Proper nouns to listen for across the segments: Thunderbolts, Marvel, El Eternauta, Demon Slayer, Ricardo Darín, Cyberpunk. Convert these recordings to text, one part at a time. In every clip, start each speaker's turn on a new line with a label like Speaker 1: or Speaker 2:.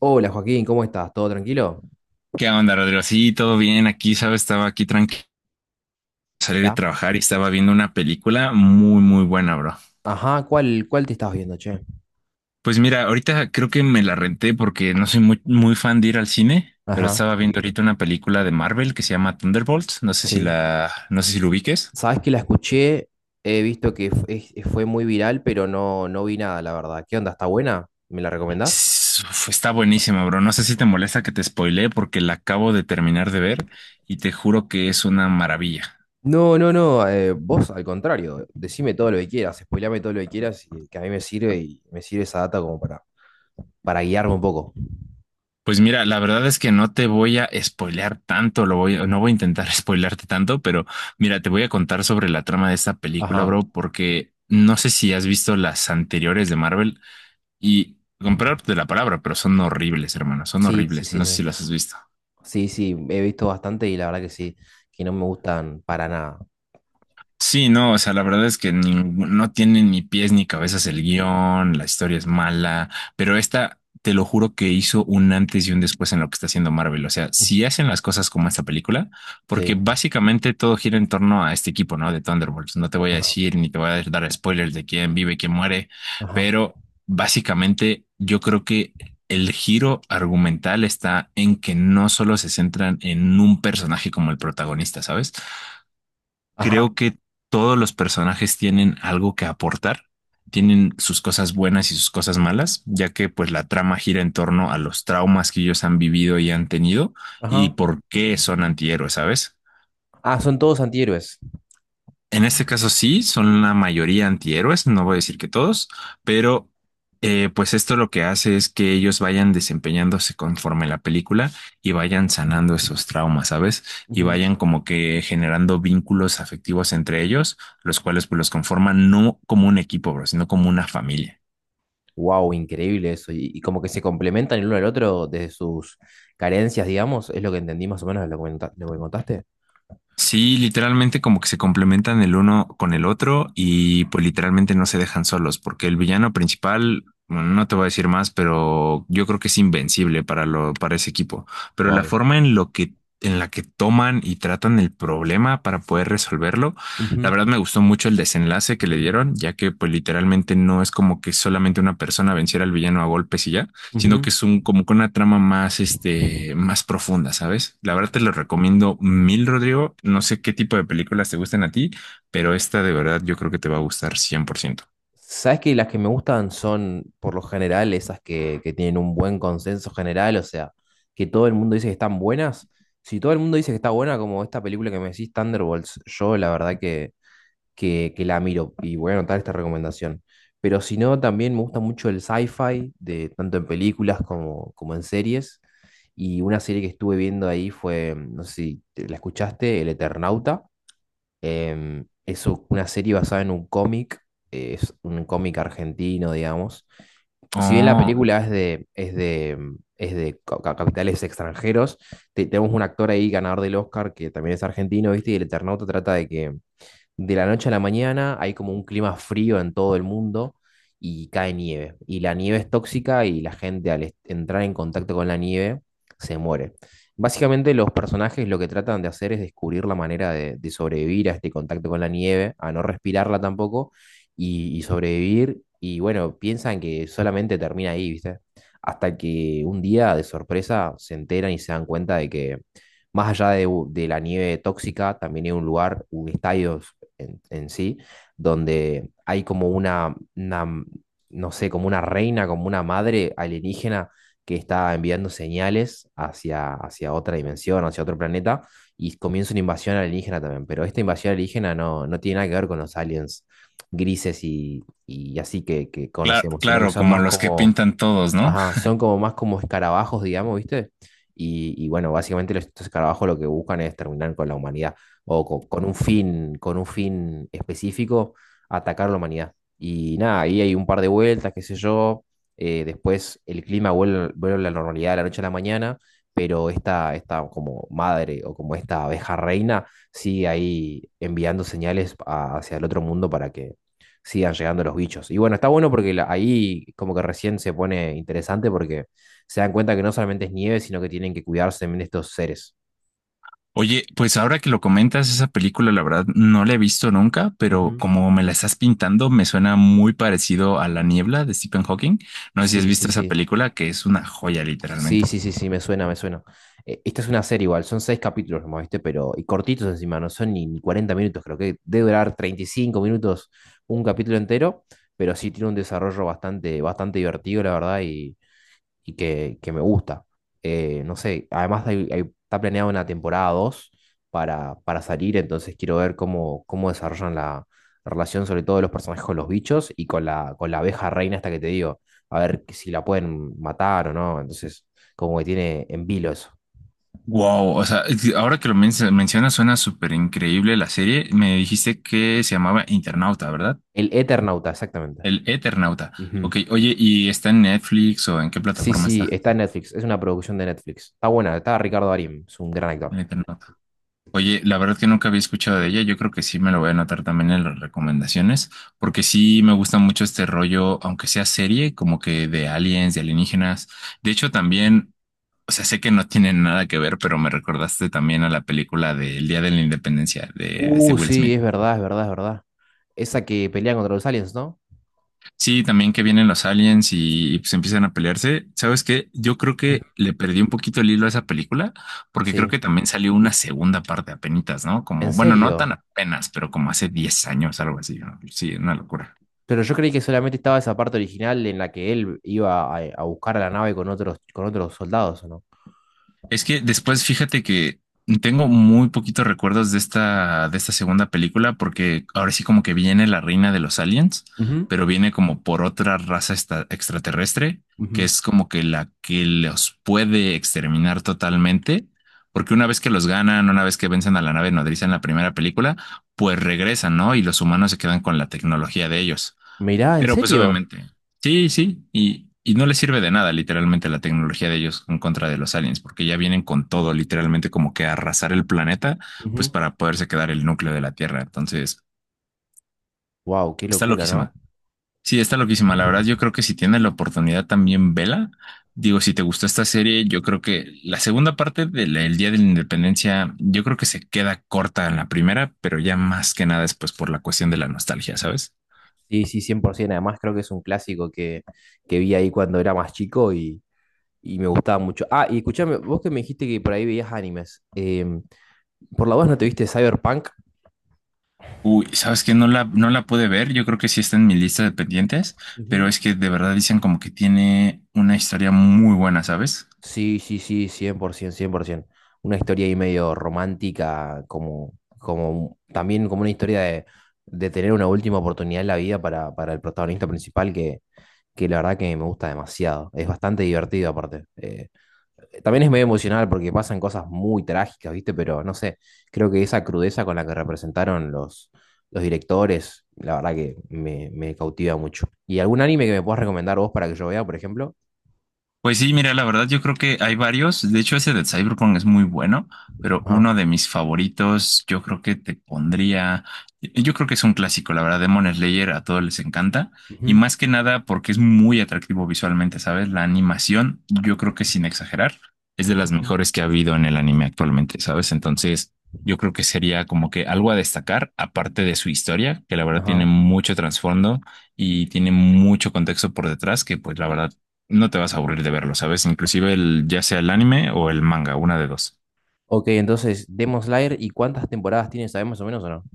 Speaker 1: Hola Joaquín, ¿cómo estás? ¿Todo tranquilo?
Speaker 2: ¿Qué onda, Rodrigo? Sí, todo bien. Aquí, ¿sabes? Estaba aquí tranquilo, salir de
Speaker 1: Mirá.
Speaker 2: trabajar y estaba viendo una película muy, muy buena, bro.
Speaker 1: Ajá, ¿cuál te estás viendo, che?
Speaker 2: Pues mira, ahorita creo que me la renté porque no soy muy, muy fan de ir al cine, pero
Speaker 1: Ajá,
Speaker 2: estaba viendo ahorita una película de Marvel que se llama Thunderbolts. No sé si
Speaker 1: sí.
Speaker 2: la, no sé si lo ubiques.
Speaker 1: Sabes que la escuché, he visto que fue muy viral, pero no, no vi nada, la verdad. ¿Qué onda? ¿Está buena? ¿Me la recomendás?
Speaker 2: Uf, está buenísima, bro. No sé si te molesta que te spoilee porque la acabo de terminar de ver y te juro que es una maravilla.
Speaker 1: No, no, no, vos al contrario, decime todo lo que quieras, spoilame todo lo que quieras, y que a mí me sirve y me sirve esa data como para guiarme un poco.
Speaker 2: Pues mira, la verdad es que no te voy a spoilear tanto, no voy a intentar spoilearte tanto, pero mira, te voy a contar sobre la trama de esta película,
Speaker 1: Ajá,
Speaker 2: bro, porque no sé si has visto las anteriores de Marvel y comprar de la palabra, pero son horribles, hermano, son
Speaker 1: sí, sí,
Speaker 2: horribles.
Speaker 1: sí,
Speaker 2: No sé
Speaker 1: sí.
Speaker 2: si las has visto.
Speaker 1: Sí, sí, he visto bastante y la verdad que sí, que no me gustan para nada.
Speaker 2: Sí, no, o sea, la verdad es que no tiene ni pies ni cabezas el guión, la historia es mala, pero esta, te lo juro que hizo un antes y un después en lo que está haciendo Marvel. O sea,
Speaker 1: Ujú.
Speaker 2: si hacen las cosas como esta película, porque
Speaker 1: Sí,
Speaker 2: básicamente todo gira en torno a este equipo, ¿no? De Thunderbolts. No te voy a
Speaker 1: ajá,
Speaker 2: decir ni te voy a dar spoilers de quién vive, quién muere,
Speaker 1: ajá.
Speaker 2: pero básicamente yo creo que el giro argumental está en que no solo se centran en un personaje como el protagonista, ¿sabes?
Speaker 1: Ajá.
Speaker 2: Creo que todos los personajes tienen algo que aportar, tienen sus cosas buenas y sus cosas malas, ya que pues la trama gira en torno a los traumas que ellos han vivido y han tenido y
Speaker 1: Ajá.
Speaker 2: por qué son antihéroes, ¿sabes?
Speaker 1: Ah, son todos antihéroes.
Speaker 2: En este caso sí, son la mayoría antihéroes, no voy a decir que todos, pero pues esto lo que hace es que ellos vayan desempeñándose conforme la película y vayan sanando esos traumas, ¿sabes? Y vayan como que generando vínculos afectivos entre ellos, los cuales pues los conforman no como un equipo, bro, sino como una familia.
Speaker 1: Wow, increíble eso. Y como que se complementan el uno al otro desde sus carencias, digamos, es lo que entendí más o menos de lo que, lo que me contaste.
Speaker 2: Sí, literalmente como que se complementan el uno con el otro y pues literalmente no se dejan solos, porque el villano principal, bueno, no te voy a decir más, pero yo creo que es invencible para para ese equipo. Pero la
Speaker 1: Wow.
Speaker 2: forma en lo que, en la que toman y tratan el problema para poder resolverlo, la verdad me gustó mucho el desenlace que le dieron, ya que pues literalmente no es como que solamente una persona venciera al villano a golpes y ya, sino que es un como con una trama más, este, más profunda, ¿sabes? La verdad te lo recomiendo mil, Rodrigo. No sé qué tipo de películas te gustan a ti, pero esta de verdad yo creo que te va a gustar 100%.
Speaker 1: ¿Sabes que las que me gustan son, por lo general, esas que tienen un buen consenso general? O sea, que todo el mundo dice que están buenas. Si todo el mundo dice que está buena, como esta película que me decís, Thunderbolts, yo la verdad que la miro y voy a anotar esta recomendación. Pero si no, también me gusta mucho el sci-fi, tanto en películas como en series. Y una serie que estuve viendo ahí fue, no sé si la escuchaste, El Eternauta. Es una serie basada en un cómic, es un cómic argentino, digamos. Si bien la
Speaker 2: Oh,
Speaker 1: película es de capitales extranjeros, tenemos un actor ahí ganador del Oscar que también es argentino, ¿viste? Y El Eternauta trata de que de la noche a la mañana hay como un clima frío en todo el mundo y cae nieve. Y la nieve es tóxica y la gente al entrar en contacto con la nieve se muere. Básicamente los personajes lo que tratan de hacer es descubrir la manera de sobrevivir a este contacto con la nieve, a no respirarla tampoco y sobrevivir. Y bueno, piensan que solamente termina ahí, ¿viste? Hasta que un día de sorpresa se enteran y se dan cuenta de que más allá de la nieve tóxica, también hay un lugar, un estadio en sí, donde hay como una, no sé, como una reina, como una madre alienígena que está enviando señales hacia otra dimensión, hacia otro planeta, y comienza una invasión alienígena también. Pero esta invasión alienígena no, no tiene nada que ver con los aliens grises y así que
Speaker 2: claro,
Speaker 1: conocemos, sino que
Speaker 2: claro,
Speaker 1: son
Speaker 2: como
Speaker 1: más
Speaker 2: los que
Speaker 1: como.
Speaker 2: pintan todos, ¿no?
Speaker 1: Ajá, son como más como escarabajos, digamos, ¿viste? Y bueno, básicamente estos escarabajos lo que buscan es terminar con la humanidad o con un fin específico, atacar la humanidad. Y nada, ahí hay un par de vueltas, qué sé yo. Después el clima vuelve a la normalidad de la noche a la mañana, pero esta como madre o como esta abeja reina sigue ahí enviando señales hacia el otro mundo para que sigan llegando los bichos. Y bueno, está bueno porque ahí como que recién se pone interesante porque se dan cuenta que no solamente es nieve, sino que tienen que cuidarse también de estos seres.
Speaker 2: Oye, pues ahora que lo comentas, esa película la verdad no la he visto nunca, pero
Speaker 1: Ujú.
Speaker 2: como me la estás pintando, me suena muy parecido a La Niebla de Stephen Hawking. No sé si has
Speaker 1: Sí, sí,
Speaker 2: visto esa
Speaker 1: sí.
Speaker 2: película, que es una joya
Speaker 1: Sí,
Speaker 2: literalmente.
Speaker 1: sí, sí, sí, me suena, me suena. Esta es una serie igual, son seis capítulos nomás, ¿viste? Pero, y cortitos encima, no son ni 40 minutos, creo que debe durar 35 minutos un capítulo entero, pero sí tiene un desarrollo bastante, bastante divertido, la verdad, y que me gusta. No sé, además está planeada una temporada 2 para salir, entonces quiero ver cómo desarrollan la relación, sobre todo de los personajes con los bichos y con la abeja reina esta que te digo, a ver que si la pueden matar o no, entonces como que tiene en vilo eso.
Speaker 2: Wow, o sea, ahora que mencionas suena súper increíble la serie. Me dijiste que se llamaba Internauta, ¿verdad?
Speaker 1: El Eternauta, exactamente.
Speaker 2: El Eternauta.
Speaker 1: Ujú.
Speaker 2: Ok, oye, ¿y está en Netflix o en qué
Speaker 1: Sí,
Speaker 2: plataforma
Speaker 1: sí,
Speaker 2: está?
Speaker 1: está en Netflix, es una producción de Netflix. Está buena, está Ricardo Darín, es un gran
Speaker 2: El
Speaker 1: actor.
Speaker 2: Eternauta. Oye, la verdad que nunca había escuchado de ella. Yo creo que sí me lo voy a anotar también en las recomendaciones, porque sí me gusta mucho este rollo, aunque sea serie, como que de aliens, de alienígenas. De hecho, también, o sea, sé que no tienen nada que ver, pero me recordaste también a la película del Día de la Independencia de este
Speaker 1: Uh,
Speaker 2: Will
Speaker 1: sí,
Speaker 2: Smith.
Speaker 1: es verdad, es verdad, es verdad. Esa que pelea contra los aliens, ¿no?
Speaker 2: Sí, también que vienen los aliens y pues empiezan a pelearse. ¿Sabes qué? Yo creo
Speaker 1: Ujú.
Speaker 2: que le perdí un poquito el hilo a esa película porque creo que
Speaker 1: Sí.
Speaker 2: también salió una segunda parte apenitas, ¿no?
Speaker 1: ¿En
Speaker 2: Como, bueno, no tan
Speaker 1: serio?
Speaker 2: apenas, pero como hace 10 años, algo así, ¿no? Sí, una locura.
Speaker 1: Pero yo creí que solamente estaba esa parte original en la que él iba a buscar a la nave con otros soldados, ¿o no?
Speaker 2: Es que después fíjate que tengo muy poquitos recuerdos de de esta segunda película porque ahora sí como que viene la reina de los aliens,
Speaker 1: Ujú,
Speaker 2: pero viene como por otra raza extraterrestre, que
Speaker 1: ujú.
Speaker 2: es como que la que los puede exterminar totalmente, porque una vez que los ganan, una vez que vencen a la nave nodriza en la primera película, pues regresan, ¿no? Y los humanos se quedan con la tecnología de ellos.
Speaker 1: Mirá, ¿en
Speaker 2: Pero pues
Speaker 1: serio?
Speaker 2: obviamente, sí, sí, y no les sirve de nada literalmente la tecnología de ellos en contra de los aliens, porque ya vienen con todo literalmente como que a arrasar el planeta, pues
Speaker 1: Ujú.
Speaker 2: para poderse quedar el núcleo de la Tierra. Entonces,
Speaker 1: Wow, qué
Speaker 2: está
Speaker 1: locura, ¿no?
Speaker 2: loquísima. Sí, está loquísima. La verdad, yo creo que si tienes la oportunidad también, vela. Digo, si te gustó esta serie, yo creo que la segunda parte del el Día de la Independencia, yo creo que se queda corta en la primera, pero ya más que nada es pues por la cuestión de la nostalgia, ¿sabes?
Speaker 1: Sí, sí, 100%. Además, creo que es un clásico que vi ahí cuando era más chico y me gustaba mucho. Ah, y escuchame, vos que me dijiste que por ahí veías animes. ¿Por la voz no te viste Cyberpunk?
Speaker 2: Uy, sabes que no la pude ver, yo creo que sí está en mi lista de pendientes, pero
Speaker 1: Ujú.
Speaker 2: es que de verdad dicen como que tiene una historia muy buena, ¿sabes?
Speaker 1: Sí, sí, sí, cien por ciento, cien por 100%. Una historia ahí medio romántica, como también como una historia de tener una última oportunidad en la vida para el protagonista principal, que la verdad que me gusta demasiado. Es bastante divertido aparte. También es medio emocional porque pasan cosas muy trágicas, ¿viste? Pero no sé, creo que esa crudeza con la que representaron los directores, la verdad que me cautiva mucho. ¿Y algún anime que me puedas recomendar vos para que yo vea, por ejemplo?
Speaker 2: Pues sí, mira, la verdad yo creo que hay varios. De hecho, ese de Cyberpunk es muy bueno, pero
Speaker 1: Ajá.
Speaker 2: uno de mis favoritos, yo creo que es un clásico, la verdad, Demon Slayer a todos les encanta y
Speaker 1: Ujú.
Speaker 2: más que nada porque es muy atractivo visualmente, ¿sabes? La animación, yo creo que sin exagerar, es de las
Speaker 1: Ujú.
Speaker 2: mejores que ha habido en el anime actualmente, ¿sabes? Entonces, yo creo que sería como que algo a destacar, aparte de su historia, que la verdad
Speaker 1: Ajá.
Speaker 2: tiene mucho trasfondo y tiene mucho contexto por detrás, que pues la verdad no te vas a aburrir de verlo, ¿sabes? Inclusive el, ya sea el anime o el manga, una de dos.
Speaker 1: Ok, entonces, Demon Slayer, ¿y cuántas temporadas tiene? ¿Sabes más o menos o no?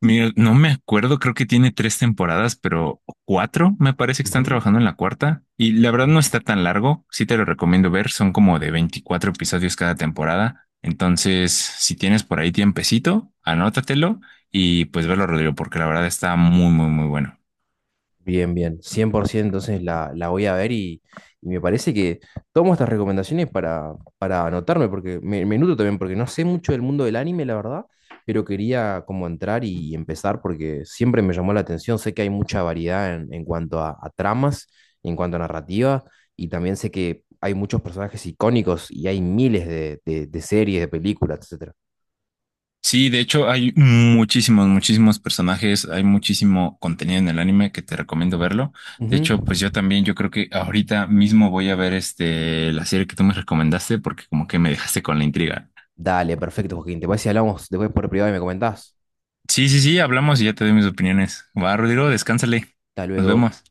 Speaker 2: Mira, no me acuerdo, creo que tiene tres temporadas, pero cuatro me parece que están
Speaker 1: Ujú.
Speaker 2: trabajando en la cuarta. Y la verdad no está tan largo, sí te lo recomiendo ver, son como de 24 episodios cada temporada. Entonces, si tienes por ahí tiempecito, anótatelo y pues verlo, Rodrigo, porque la verdad está muy, muy, muy bueno.
Speaker 1: Bien, bien, 100%. Entonces la voy a ver y me parece que tomo estas recomendaciones para anotarme, porque me nutro también, porque no sé mucho del mundo del anime, la verdad, pero quería como entrar y empezar porque siempre me llamó la atención, sé que hay mucha variedad en cuanto a tramas, en cuanto a narrativa, y también sé que hay muchos personajes icónicos y hay miles de series, de películas, etcétera.
Speaker 2: Sí, de hecho hay muchísimos, muchísimos personajes, hay muchísimo contenido en el anime que te recomiendo verlo. De
Speaker 1: Ujú.
Speaker 2: hecho, pues yo también, yo creo que ahorita mismo voy a ver este la serie que tú me recomendaste porque como que me dejaste con la intriga.
Speaker 1: Dale, perfecto, Joaquín. ¿Te parece si hablamos después por privado y me comentás?
Speaker 2: Sí, sí, sí, hablamos y ya te doy mis opiniones. Va, Rodrigo, descánsale.
Speaker 1: Hasta
Speaker 2: Nos
Speaker 1: luego.
Speaker 2: vemos.